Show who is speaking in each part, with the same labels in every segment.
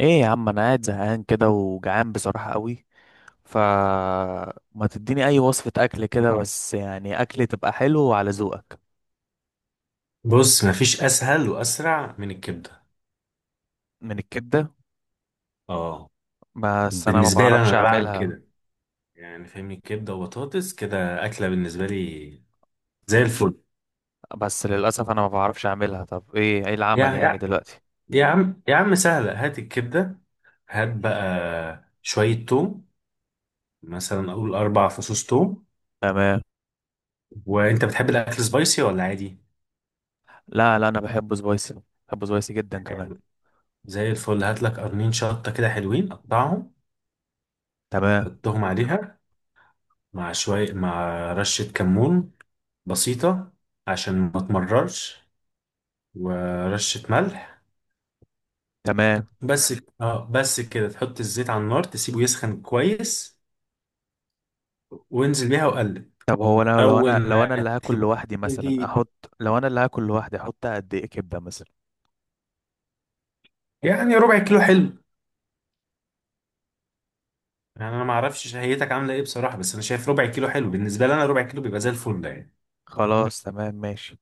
Speaker 1: ايه يا عم، انا قاعد زهقان كده وجعان بصراحة قوي. فما تديني اي وصفة اكل كده، بس يعني اكل تبقى حلو على ذوقك.
Speaker 2: بص مفيش اسهل واسرع من الكبده.
Speaker 1: من الكبدة؟
Speaker 2: اه
Speaker 1: بس انا ما
Speaker 2: بالنسبه لي انا
Speaker 1: بعرفش
Speaker 2: انا بعمل
Speaker 1: اعملها.
Speaker 2: كده، يعني فاهمني، كبده وبطاطس كده اكله بالنسبه لي زي الفل.
Speaker 1: بس للاسف انا ما بعرفش اعملها. طب ايه
Speaker 2: يا
Speaker 1: العمل يعني
Speaker 2: يا
Speaker 1: دلوقتي؟
Speaker 2: يا عم يا عم سهله، هات الكبده، هات بقى شويه توم، مثلا اقول اربع فصوص توم.
Speaker 1: تمام.
Speaker 2: وانت بتحب الاكل سبايسي ولا عادي؟
Speaker 1: لا، لا، انا بحبه سبايسي. بحبه سبايسي جدا كمان.
Speaker 2: زي الفل، هات لك قرنين شطه كده حلوين قطعهم،
Speaker 1: تمام،
Speaker 2: حطهم عليها مع رشه كمون بسيطه عشان ما تمررش، ورشة ملح
Speaker 1: تمام.
Speaker 2: بس. اه بس كده تحط الزيت على النار تسيبه يسخن كويس وانزل بيها وقلب.
Speaker 1: طب هو انا لو
Speaker 2: اول
Speaker 1: انا لو انا
Speaker 2: ما
Speaker 1: اللي هاكل لوحدي، مثلا
Speaker 2: تبتدي،
Speaker 1: احط لو انا اللي هاكل لوحدي احط قد ايه كبدة مثلا؟
Speaker 2: يعني ربع كيلو حلو، يعني انا ما اعرفش شهيتك عامله ايه بصراحه، بس انا شايف ربع كيلو حلو، بالنسبه لي انا ربع كيلو بيبقى زي الفل ده، يعني
Speaker 1: خلاص، تمام، ماشي.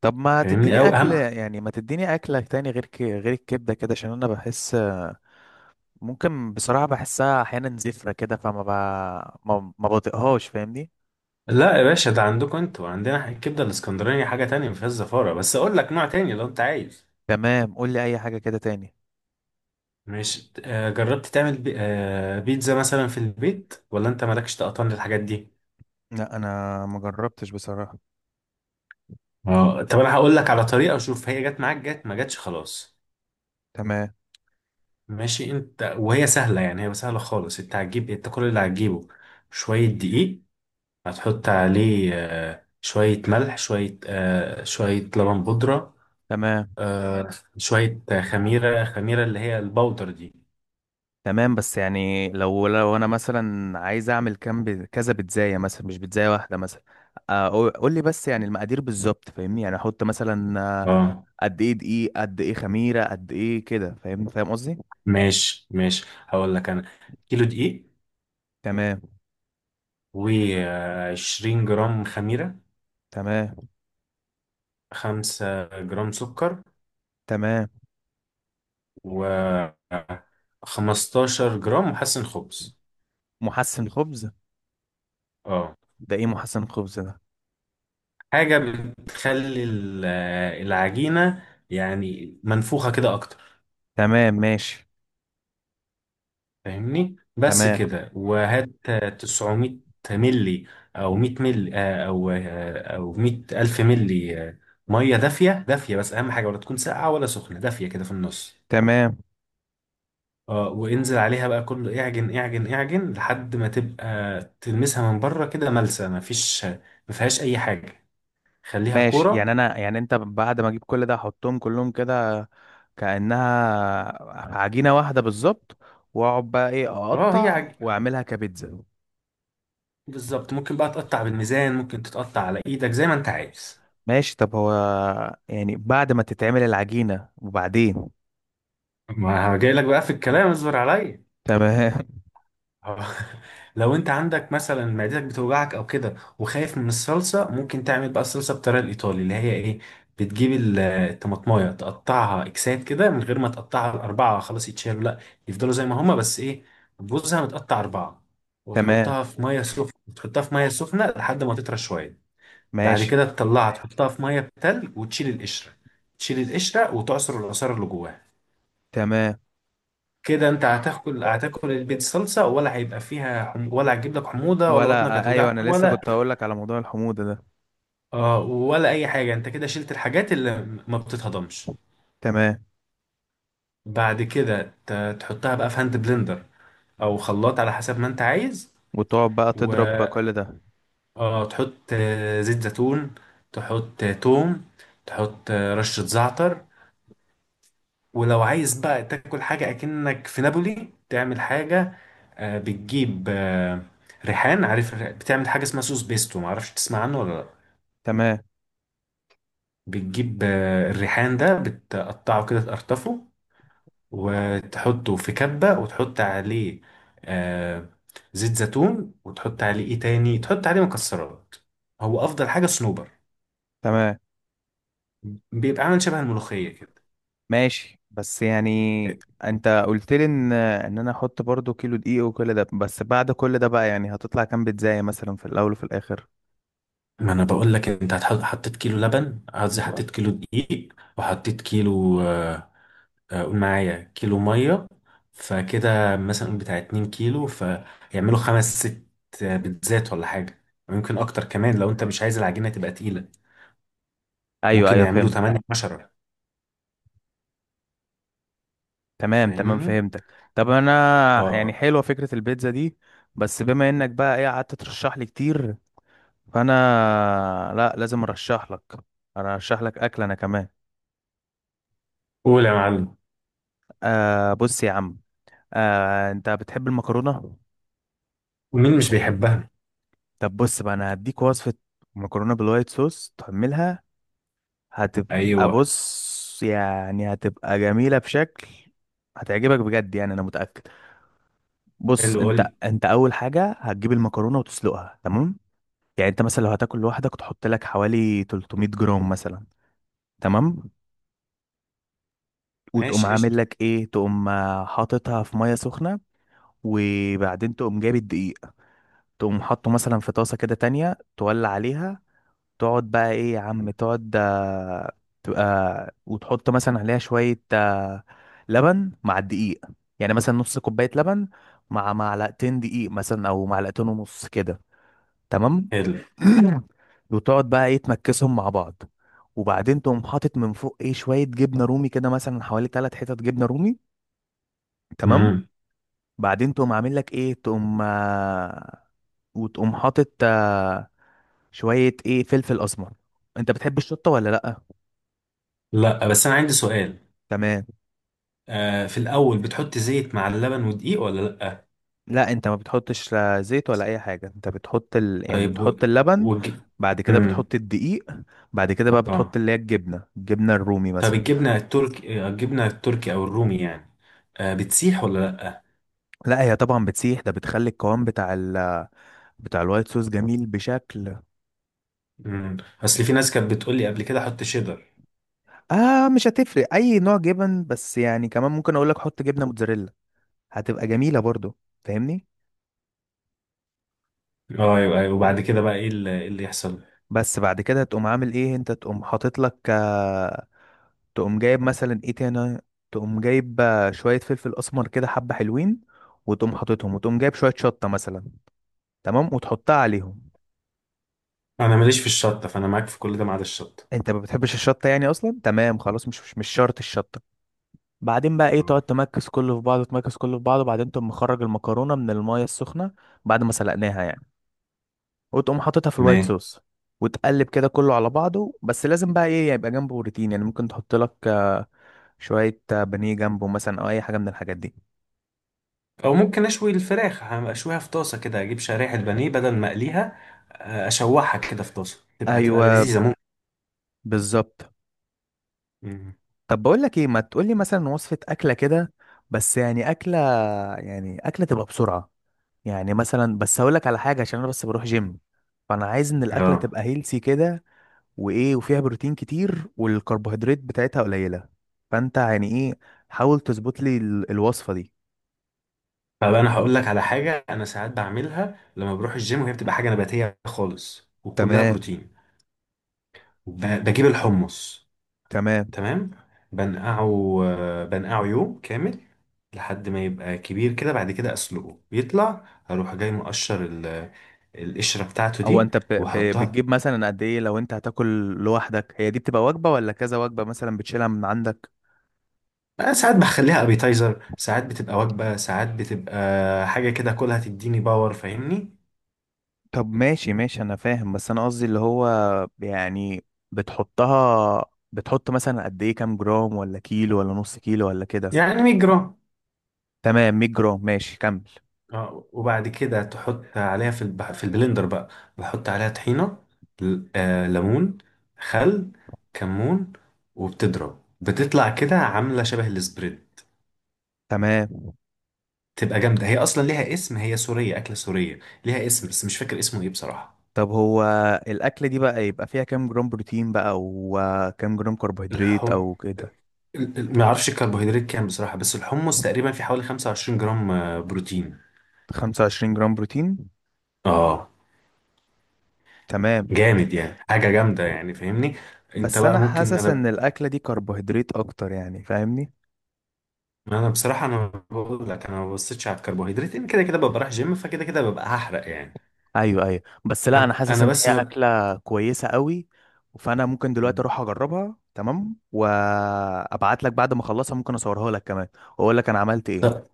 Speaker 1: طب ما
Speaker 2: فاهمني
Speaker 1: تديني
Speaker 2: او
Speaker 1: اكل،
Speaker 2: اهم.
Speaker 1: يعني ما تديني اكله تاني غير غير الكبده كده، عشان انا بحس، ممكن بصراحه بحسها احيانا زفره كده، فما ما بطيقهاش، فاهمني.
Speaker 2: لا يا باشا، ده عندكم انتوا، عندنا الكبده الاسكندرانيه حاجه تانية ما فيهاش زفاره، بس اقول لك نوع تاني لو انت عايز.
Speaker 1: تمام، قول لي اي حاجه كده تاني.
Speaker 2: مش جربت تعمل بي... آه، بيتزا مثلا في البيت، ولا انت مالكش تقطن للحاجات دي؟
Speaker 1: لا، انا ما جربتش بصراحه.
Speaker 2: اه طب انا هقول لك على طريقه. شوف، هي جت معاك جت، ما جاتش خلاص
Speaker 1: تمام،
Speaker 2: ماشي. انت وهي سهله، يعني هي سهله خالص. انت هتجيب، انت كل اللي هتجيبه شويه دقيق، هتحط عليه شويه ملح، شويه لبن بودره،
Speaker 1: تمام،
Speaker 2: آه، شويه خميره، اللي هي البودر دي.
Speaker 1: تمام. بس يعني لو انا مثلا عايز اعمل كام كذا بيتزايه مثلا، مش بيتزايه واحده مثلا. قول قول لي، بس يعني المقادير بالظبط، فاهمني. يعني احط مثلا،
Speaker 2: اه
Speaker 1: قد ايه دقيق، قد ايه خميره، قد ايه كده، فاهم فاهم قصدي.
Speaker 2: ماشي ماشي، هقول لك انا: كيلو دقيق،
Speaker 1: تمام،
Speaker 2: و20 جرام خميره،
Speaker 1: تمام،
Speaker 2: 5 جرام سكر،
Speaker 1: تمام.
Speaker 2: و 15 جرام محسن خبز.
Speaker 1: محسن خبز؟
Speaker 2: اه
Speaker 1: ده ايه محسن خبز ده؟
Speaker 2: حاجة بتخلي العجينة يعني منفوخة كده أكتر،
Speaker 1: تمام، ماشي.
Speaker 2: فاهمني. بس
Speaker 1: تمام،
Speaker 2: كده. وهات 900 ملي أو 100 ملي ، أو 100 ألف ملي، مية دافية دافية بس أهم حاجة، ولا تكون ساقعة ولا سخنة، دافية كده في النص.
Speaker 1: تمام،
Speaker 2: اه وانزل عليها بقى كله، اعجن اعجن اعجن لحد ما تبقى تلمسها من بره كده ملسة، مفيش ما فيهاش أي حاجة، خليها
Speaker 1: ماشي. يعني
Speaker 2: كورة.
Speaker 1: انا، يعني انت بعد ما اجيب كل ده احطهم كلهم كده، كأنها عجينة واحدة بالظبط، واقعد بقى ايه،
Speaker 2: اه،
Speaker 1: اقطع واعملها كبيتزا؟
Speaker 2: بالظبط. ممكن بقى تقطع بالميزان، ممكن تتقطع على ايدك زي ما انت عايز.
Speaker 1: ماشي. طب هو يعني بعد ما تتعمل العجينة، وبعدين؟
Speaker 2: ما جاي لك بقى في الكلام، اصبر عليا.
Speaker 1: تمام.
Speaker 2: آه. لو انت عندك مثلا معدتك بتوجعك او كده، وخايف من الصلصة، ممكن تعمل بقى الصلصة بالطريقة الايطالي، اللي هي ايه؟ بتجيب الطماطمايه تقطعها اكسات كده، من غير ما تقطعها الاربعة خلاص يتشالوا، لا، يفضلوا زي ما هما، بس ايه، جوزها متقطع اربعة،
Speaker 1: تمام،
Speaker 2: وتحطها في ميه سخنة لحد ما تطرى شوية. بعد
Speaker 1: ماشي،
Speaker 2: كده تطلعها تحطها في ميه بتلج وتشيل القشره، تشيل القشره وتعصر العصاره اللي جواها.
Speaker 1: تمام.
Speaker 2: كده انت هتاكل البيت صلصه، ولا هيبقى فيها ولا هتجيب لك حموضه، ولا بطنك
Speaker 1: ولا، ايوه، انا
Speaker 2: هتوجعك،
Speaker 1: لسه
Speaker 2: ولا
Speaker 1: كنت هقول لك على موضوع الحموضة ده.
Speaker 2: آه، ولا اي حاجه. انت كده شلت الحاجات اللي ما بتتهضمش.
Speaker 1: تمام.
Speaker 2: بعد كده تحطها بقى في هاند بلندر او خلاط، على حسب ما انت عايز.
Speaker 1: وتقعد بقى
Speaker 2: و
Speaker 1: تضرب بقى كل ده؟
Speaker 2: آه تحط زيت زيتون، تحط توم، تحط رشه زعتر. ولو عايز بقى تاكل حاجة أكنك في نابولي، تعمل حاجة، بتجيب ريحان. عارف بتعمل حاجة اسمها سوس بيستو، معرفش تسمع عنه ولا لأ؟
Speaker 1: تمام،
Speaker 2: بتجيب الريحان ده بتقطعه كده، تقرطفه وتحطه في كبة، وتحط عليه آه، زيت زيتون، وتحط عليه ايه تاني، تحط عليه مكسرات، هو أفضل حاجة صنوبر،
Speaker 1: تمام،
Speaker 2: بيبقى عامل شبه الملوخية كده.
Speaker 1: ماشي. بس يعني انت قلت لي ان انا احط برضو كيلو دقيق وكل ده، بس بعد كل ده بقى، يعني هتطلع كام بيتزاية مثلا في الاول وفي الاخر؟
Speaker 2: ما انا بقول لك، انت هتحط، حطيت كيلو دقيق، وحطيت كيلو قول معايا كيلو ميه. فكده مثلا قول بتاع 2 كيلو فيعملوا خمس ست بيتزات ولا حاجه، ويمكن اكتر كمان لو انت مش عايز العجينه تبقى تقيله،
Speaker 1: ايوه،
Speaker 2: ممكن
Speaker 1: ايوه،
Speaker 2: يعملوا
Speaker 1: فهمت.
Speaker 2: 8 10،
Speaker 1: تمام، تمام،
Speaker 2: فاهمني.
Speaker 1: فهمتك. طب انا،
Speaker 2: اه.
Speaker 1: يعني
Speaker 2: آه.
Speaker 1: حلوه فكره البيتزا دي، بس بما انك بقى ايه قعدت ترشح لي كتير، فانا، لا، لازم ارشح لك. انا ارشح لك اكل انا كمان.
Speaker 2: قول يا معلم.
Speaker 1: آه، بص يا عم. آه، انت بتحب المكرونه؟
Speaker 2: مين مش بيحبها؟
Speaker 1: طب بص بقى، انا هديك وصفه، مكرونه بالوايت صوص تعملها. هتبقى،
Speaker 2: ايوه.
Speaker 1: بص يعني، هتبقى جميله بشكل. هتعجبك بجد، يعني انا متاكد. بص،
Speaker 2: حلو قول
Speaker 1: انت
Speaker 2: لي.
Speaker 1: انت اول حاجه هتجيب المكرونه وتسلقها، تمام؟ يعني انت مثلا لو هتاكل لوحدك، تحط لك حوالي 300 جرام مثلا. تمام. وتقوم
Speaker 2: ماشي
Speaker 1: عامل
Speaker 2: قشطه.
Speaker 1: لك ايه، تقوم حاططها في ميه سخنه. وبعدين تقوم جايب الدقيق. تقوم حاطه مثلا في طاسه كده تانية، تولع عليها. تقعد بقى ايه يا عم، تقعد تبقى، وتحط مثلا عليها شويه لبن مع الدقيق. يعني مثلا نص كوبايه لبن، مع معلقتين دقيق مثلا، او معلقتين ونص كده. تمام.
Speaker 2: حلو.
Speaker 1: وتقعد بقى ايه تمكسهم مع بعض. وبعدين تقوم حاطط من فوق ايه شويه جبنه رومي كده، مثلا حوالي 3 حتت جبنه رومي. تمام.
Speaker 2: امم.
Speaker 1: بعدين تقوم عامل لك ايه، تقوم، وتقوم حاطط شويه ايه، فلفل اسمر. انت بتحب الشطه ولا لا؟
Speaker 2: لا، بس انا عندي سؤال.
Speaker 1: تمام.
Speaker 2: آه، في الاول بتحط زيت مع اللبن ودقيق، ولا لا؟
Speaker 1: لا، انت ما بتحطش لا زيت ولا اي حاجه، انت بتحط يعني
Speaker 2: طيب
Speaker 1: بتحط اللبن.
Speaker 2: والج...
Speaker 1: بعد كده
Speaker 2: مم.
Speaker 1: بتحط الدقيق. بعد كده بقى
Speaker 2: اه،
Speaker 1: بتحط اللي هي الجبنه الرومي
Speaker 2: طب
Speaker 1: مثلا.
Speaker 2: الجبنة التركي او الرومي يعني، آه بتسيح ولا لأ؟
Speaker 1: لا، هي طبعا بتسيح، ده بتخلي القوام بتاع الوايت صوص جميل بشكل.
Speaker 2: مم. اصل في ناس كانت بتقول لي قبل كده حط شيدر.
Speaker 1: اه، مش هتفرق اي نوع جبن، بس يعني كمان ممكن اقول لك حط جبنه موتزاريلا، هتبقى جميله برضو، فاهمني.
Speaker 2: اه ايوه ايوه، وبعد كده بقى إيه اللي يحصل؟
Speaker 1: بس بعد كده تقوم عامل ايه انت، تقوم حاطط لك تقوم جايب مثلا ايه تاني، تقوم جايب شويه فلفل اسمر كده حبه حلوين، وتقوم حاططهم، وتقوم جايب شويه شطه مثلا، تمام، وتحطها عليهم.
Speaker 2: انا ماليش في الشطة، فانا معاك في كل ده ما عدا الشطة.
Speaker 1: انت ما بتحبش الشطه يعني اصلا؟ تمام، خلاص، مش شرط الشطه. بعدين بقى ايه،
Speaker 2: آه.
Speaker 1: تقعد تمكس كله في بعضه، تمكس كله في بعضه، بعدين تقوم مخرج المكرونه من المايه السخنه، بعد ما سلقناها يعني، وتقوم حاططها في الوايت
Speaker 2: تمام.
Speaker 1: صوص، وتقلب كده كله على بعضه. بس لازم بقى ايه يبقى جنبه بروتين، يعني ممكن تحط لك شويه بانيه جنبه مثلا، او اي حاجه من الحاجات دي.
Speaker 2: او ممكن اشوي الفراخ، اشويها في طاسة كده، اجيب شرايح البانيه بدل ما اقليها، اشوحها كده في طاسة، تبقى
Speaker 1: ايوه،
Speaker 2: لذيذة، ممكن.
Speaker 1: بالظبط.
Speaker 2: مم.
Speaker 1: طب بقول لك ايه، ما تقول لي مثلا وصفه اكله كده، بس يعني اكله، يعني اكله تبقى بسرعه. يعني مثلا بس هقول لك على حاجه، عشان انا بس بروح جيم، فانا عايز ان الاكله
Speaker 2: اه،
Speaker 1: تبقى هيلسي كده، وايه، وفيها بروتين كتير والكربوهيدرات بتاعتها قليله. فانت يعني ايه، حاول تظبط لي الوصفه دي.
Speaker 2: طب انا هقول لك على حاجه انا ساعات بعملها لما بروح الجيم، وهي بتبقى حاجه نباتيه خالص، وكلها
Speaker 1: تمام،
Speaker 2: بروتين. بجيب الحمص.
Speaker 1: تمام.
Speaker 2: تمام. بنقعه، بنقعه يوم كامل لحد ما يبقى كبير كده، بعد كده اسلقه بيطلع، اروح جاي مقشر القشره بتاعته
Speaker 1: او
Speaker 2: دي،
Speaker 1: انت
Speaker 2: واحطها.
Speaker 1: بتجيب مثلا قد ايه لو انت هتاكل لوحدك؟ هي دي بتبقى وجبه ولا كذا وجبه مثلا بتشيلها من عندك؟
Speaker 2: أنا ساعات بخليها ابيتايزر، ساعات بتبقى وجبه، ساعات بتبقى حاجه كده كلها تديني باور، فاهمني.
Speaker 1: طب ماشي، ماشي، انا فاهم، بس انا قصدي اللي هو، يعني بتحطها، بتحط مثلا قد ايه، كام جرام ولا كيلو ولا نص كيلو ولا كده؟
Speaker 2: يعني 100 جرام.
Speaker 1: تمام، 100 جرام، ماشي، كمل.
Speaker 2: اه، وبعد كده تحط عليها في في البلندر بقى، بحط عليها طحينة، ليمون، خل، كمون، وبتضرب، بتطلع كده عاملة شبه السبريد.
Speaker 1: تمام.
Speaker 2: تبقى جامدة، هي أصلا ليها اسم، هي سورية، أكلة سورية ليها اسم بس مش فاكر اسمه إيه بصراحة.
Speaker 1: طب هو الأكلة دي بقى يبقى فيها كام جرام بروتين بقى، وكام جرام كربوهيدرات
Speaker 2: الحم
Speaker 1: أو كده؟
Speaker 2: ما اعرفش الكربوهيدرات كام بصراحة، بس الحمص تقريبا في حوالي 25 جرام بروتين.
Speaker 1: 25 جرام بروتين؟
Speaker 2: اه
Speaker 1: تمام.
Speaker 2: جامد، يعني حاجة جامدة يعني، فاهمني. انت
Speaker 1: بس
Speaker 2: بقى
Speaker 1: أنا
Speaker 2: ممكن،
Speaker 1: حاسس
Speaker 2: انا
Speaker 1: إن الأكلة دي كربوهيدرات أكتر، يعني فاهمني.
Speaker 2: انا بصراحه انا بقول لك، انا ما ببصيتش على الكربوهيدرات لان كده كده ببقى رايح جيم، فكده كده ببقى هحرق يعني.
Speaker 1: ايوه، ايوه، بس لا، انا
Speaker 2: انا
Speaker 1: حاسس
Speaker 2: انا
Speaker 1: ان
Speaker 2: بس
Speaker 1: هي
Speaker 2: ما
Speaker 1: اكله كويسه قوي، فانا ممكن دلوقتي اروح
Speaker 2: ب-
Speaker 1: اجربها، تمام، وابعت لك بعد ما اخلصها، ممكن اصورها لك كمان، واقول لك انا عملت ايه.
Speaker 2: طب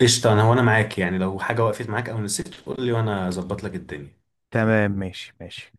Speaker 2: قشطه، انا وانا معاك، يعني لو حاجه وقفت معاك او نسيت قول لي وانا اظبط لك الدنيا.
Speaker 1: تمام، ماشي، ماشي.